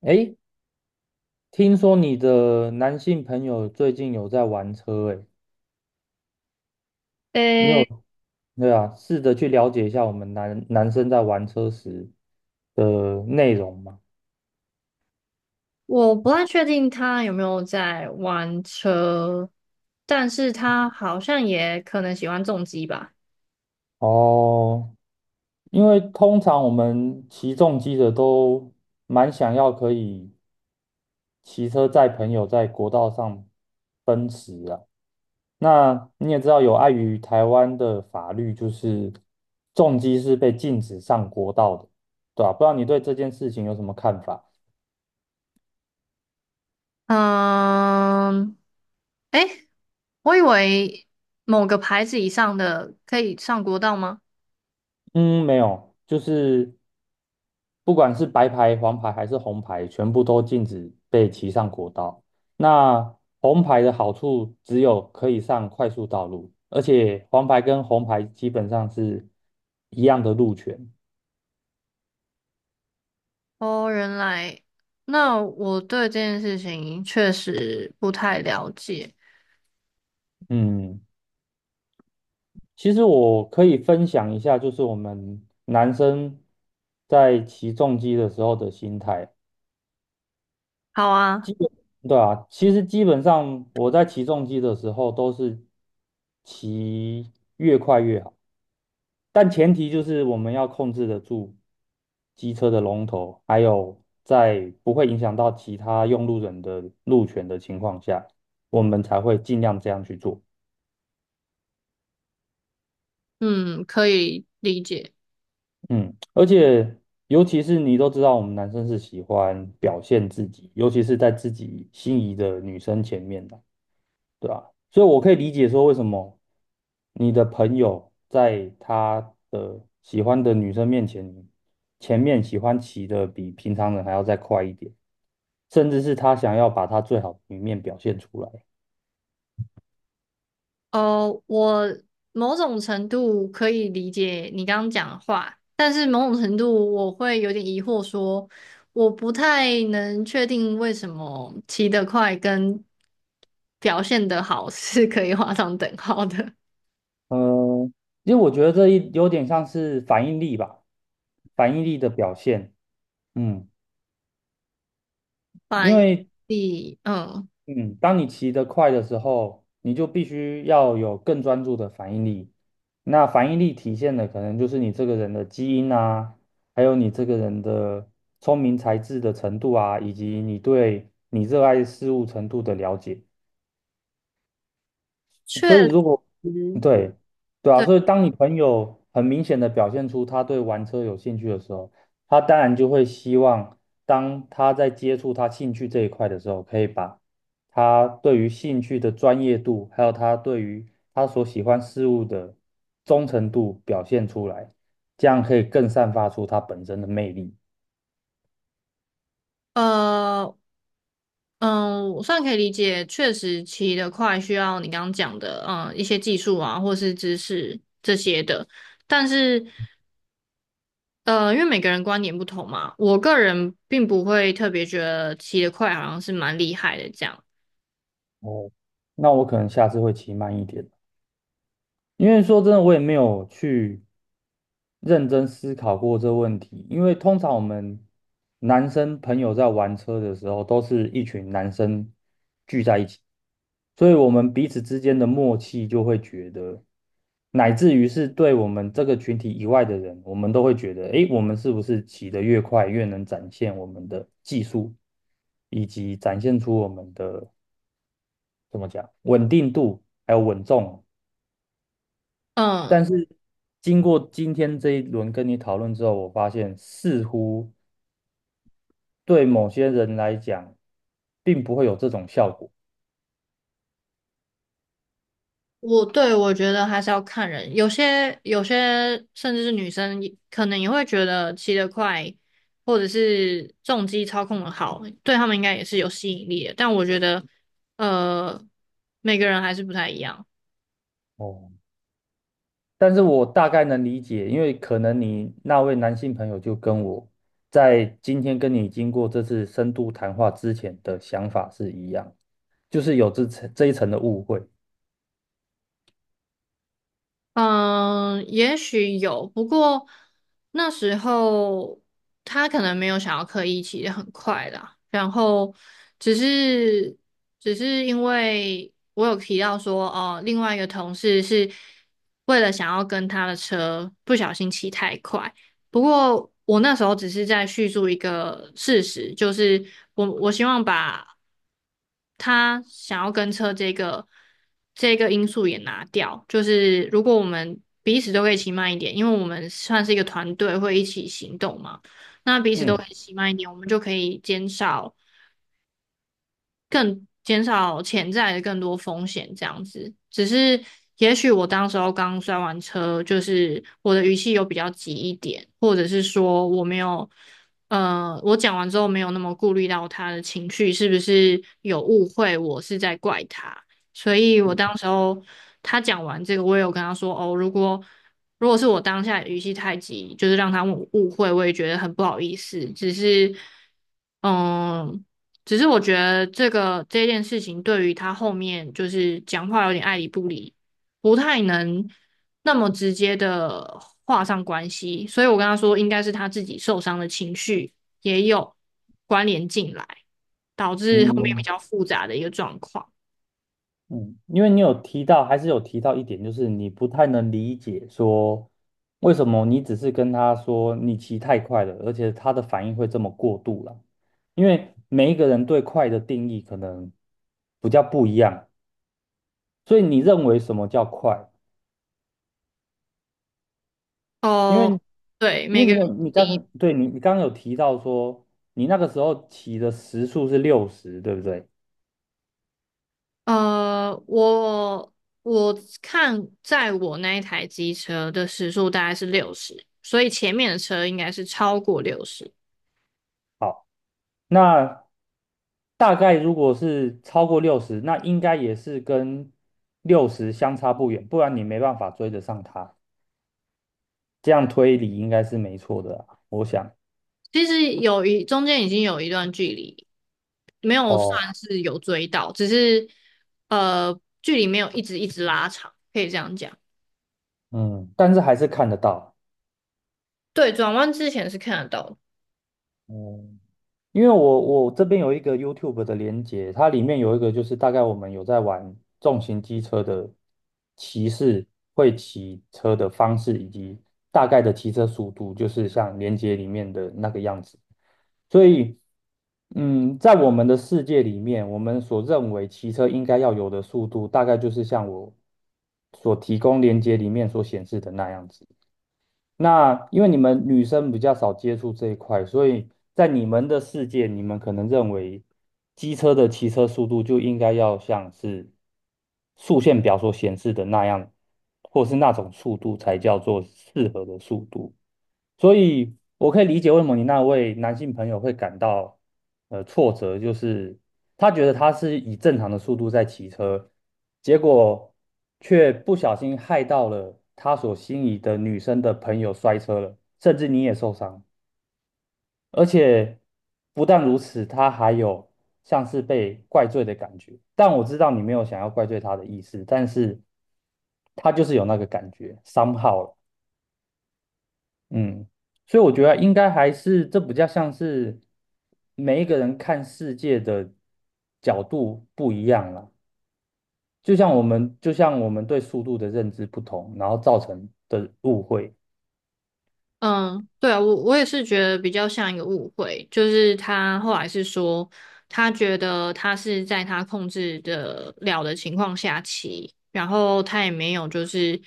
诶，听说你的男性朋友最近有在玩车，诶，你有，诶，对啊，试着去了解一下我们男生在玩车时的内容嘛。我不太确定他有没有在玩车，但是他好像也可能喜欢重机吧。哦，因为通常我们骑重机的都蛮想要可以骑车载朋友在国道上奔驰啊。那你也知道，有碍于台湾的法律，就是重机是被禁止上国道的，对吧？不知道你对这件事情有什么看法？嗯，诶，我以为某个牌子以上的可以上国道吗？嗯，没有，就是不管是白牌、黄牌还是红牌，全部都禁止被骑上国道。那红牌的好处只有可以上快速道路，而且黄牌跟红牌基本上是一样的路权。哦，原来，那我对这件事情确实不太了解。嗯，其实我可以分享一下，就是我们男生在骑重机的时候的心态。好啊，基本，对啊，其实基本上我在骑重机的时候都是骑越快越好，但前提就是我们要控制得住机车的龙头，还有在不会影响到其他用路人的路权的情况下，我们才会尽量这样去做。嗯，可以理解。嗯，而且尤其是你都知道，我们男生是喜欢表现自己，尤其是在自己心仪的女生前面的，对吧？所以我可以理解说，为什么你的朋友在他的喜欢的女生面前，前面喜欢骑的比平常人还要再快一点，甚至是他想要把他最好的一面表现出来。哦，我某种程度可以理解你刚刚讲的话，但是某种程度我会有点疑惑说，我不太能确定为什么骑得快跟表现得好 是可以画上等号的。嗯，因为我觉得这一有点像是反应力吧，反应力的表现。嗯，反因应为力嗯，嗯，当你骑得快的时候，你就必须要有更专注的反应力。那反应力体现的可能就是你这个人的基因啊，还有你这个人的聪明才智的程度啊，以及你对你热爱事物程度的了解。确实，所以如果对对啊，对，所以当你朋友很明显的表现出他对玩车有兴趣的时候，他当然就会希望，当他在接触他兴趣这一块的时候，可以把他对于兴趣的专业度，还有他对于他所喜欢事物的忠诚度表现出来，这样可以更散发出他本身的魅力。呃，嗯，我算可以理解，确实骑得快需要你刚刚讲的，嗯，一些技术啊，或是知识这些的。但是因为每个人观点不同嘛，我个人并不会特别觉得骑得快好像是蛮厉害的这样。哦，那我可能下次会骑慢一点。因为说真的，我也没有去认真思考过这个问题。因为通常我们男生朋友在玩车的时候，都是一群男生聚在一起，所以我们彼此之间的默契就会觉得，乃至于是对我们这个群体以外的人，我们都会觉得，诶，我们是不是骑得越快，越能展现我们的技术，以及展现出我们的怎么讲稳定度，还有稳重。但嗯，是经过今天这一轮跟你讨论之后，我发现似乎对某些人来讲，并不会有这种效果。我觉得还是要看人，有些甚至是女生也可能也会觉得骑得快或者是重机操控的好，对他们应该也是有吸引力的。但我觉得，呃，每个人还是不太一样。哦，但是我大概能理解，因为可能你那位男性朋友就跟我在今天跟你经过这次深度谈话之前的想法是一样，就是有这一层的误会。嗯，也许有，不过那时候他可能没有想要刻意骑得很快啦，然后只是只是因为我有提到说，哦，另外一个同事是为了想要跟他的车不小心骑太快，不过我那时候只是在叙述一个事实，就是我希望把他想要跟车这个因素也拿掉。就是如果我们彼此都可以骑慢一点，因为我们算是一个团队，会一起行动嘛，那彼此都嗯。可以骑慢一点，我们就可以减少。更减少潜在的更多风险这样子。只是也许我当时候刚摔完车，就是我的语气有比较急一点，或者是说我没有，我讲完之后没有那么顾虑到他的情绪是不是有误会，我是在怪他。所以我当时候他讲完这个，我也有跟他说哦，如果是我当下语气太急，就是让他误会，我也觉得很不好意思。只是，嗯，只是我觉得这件事情对于他后面就是讲话有点爱理不理，不太能那么直接的画上关系，所以我跟他说，应该是他自己受伤的情绪也有关联进来，导致后面比嗯，较复杂的一个状况。嗯，因为你有提到，还是有提到一点，就是你不太能理解说为什么你只是跟他说你骑太快了，而且他的反应会这么过度了。因为每一个人对快的定义可能比较不一样，所以你认为什么叫快？因哦，为对，因每为个你人有你第一，刚对你你刚刚有提到说你那个时候骑的时速是六十，对不对？呃，我我看在我那一台机车的时速大概是六十，所以前面的车应该是超过六十。好。那大概如果是超过六十，那应该也是跟六十相差不远，不然你没办法追得上它。这样推理应该是没错的啊我想。其实中间已经有一段距离，没有哦，算是有追到，只是距离没有一直一直拉长，可以这样讲。嗯，但是还是看得到。对，转弯之前是看得到的。嗯。因为我这边有一个 YouTube 的连接，它里面有一个就是大概我们有在玩重型机车的骑士会骑车的方式，以及大概的骑车速度，就是像连接里面的那个样子。所以，在我们的世界里面，我们所认为骑车应该要有的速度，大概就是像我所提供连接里面所显示的那样子。那因为你们女生比较少接触这一块，所以在你们的世界，你们可能认为机车的骑车速度就应该要像是速限表所显示的那样，或是那种速度才叫做适合的速度。所以我可以理解为什么你那位男性朋友会感到挫折，就是他觉得他是以正常的速度在骑车，结果却不小心害到了他所心仪的女生的朋友摔车了，甚至你也受伤，而且不但如此，他还有像是被怪罪的感觉。但我知道你没有想要怪罪他的意思，但是他就是有那个感觉，somehow 了嗯，所以我觉得应该还是这比较像是每一个人看世界的角度不一样啦，就像我们对速度的认知不同，然后造成的误会。嗯，对啊，我也是觉得比较像一个误会，就是他后来是说，他觉得他是在他控制的了的情况下骑，然后他也没有就是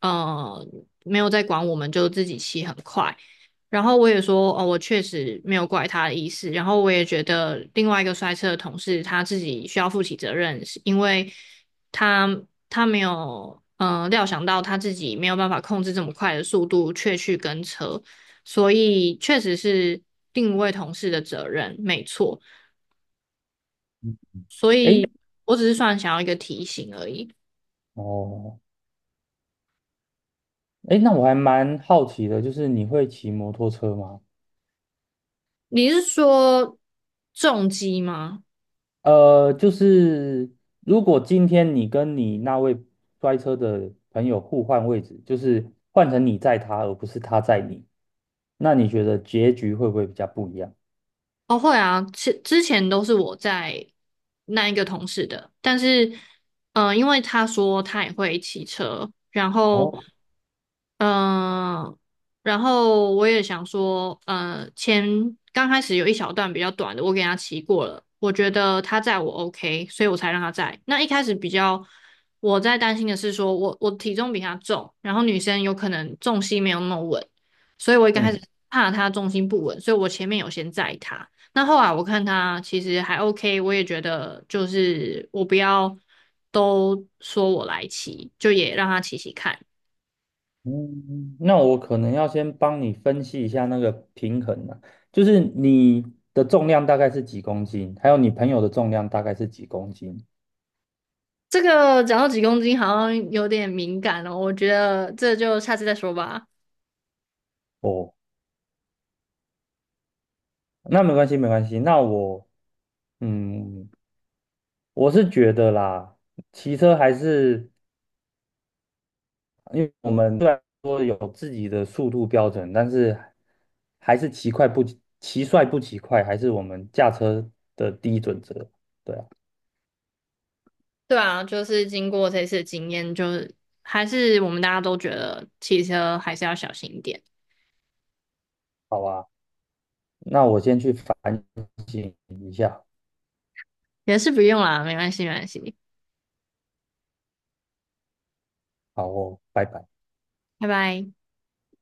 呃没有在管我们，就自己骑很快。然后我也说，哦，我确实没有怪他的意思。然后我也觉得另外一个摔车的同事他自己需要负起责任，是因为。他没有料想到他自己没有办法控制这么快的速度，却去跟车，所以确实是定位同事的责任，没错。嗯。所以诶，我只是算想要一个提醒而已。哦，诶，那我还蛮好奇的，就是你会骑摩托车吗？你是说重击吗？就是如果今天你跟你那位摔车的朋友互换位置，就是换成你载他，而不是他载你，那你觉得结局会不会比较不一样？哦，会啊，之前都是我在那一个同事的，但是，因为他说他也会骑车，哦，嗯，然后我也想说，刚开始有一小段比较短的，我给他骑过了，我觉得他载我 OK，所以我才让他载。那一开始比较我在担心的是说我体重比他重，然后女生有可能重心没有那么稳，所以我一开嗯始怕他重心不稳，所以我前面有先载他。那后来我看他其实还 OK，我也觉得就是我不要都说我来骑，就也让他骑骑看。嗯，那我可能要先帮你分析一下那个平衡啊，就是你的重量大概是几公斤，还有你朋友的重量大概是几公斤。这个讲到几公斤好像有点敏感哦，我觉得这就下次再说吧。哦，那没关系，没关系。那我，嗯，我是觉得啦，骑车还是。因为我们虽然说有自己的速度标准，但是还是骑帅不骑快，还是我们驾车的第一准则。对啊，对啊，就是经过这次的经验，就是还是我们大家都觉得骑车还是要小心一点，好啊，那我先去反省一下。也是不用啦，没关系，没关系，好哦，拜拜。拜拜。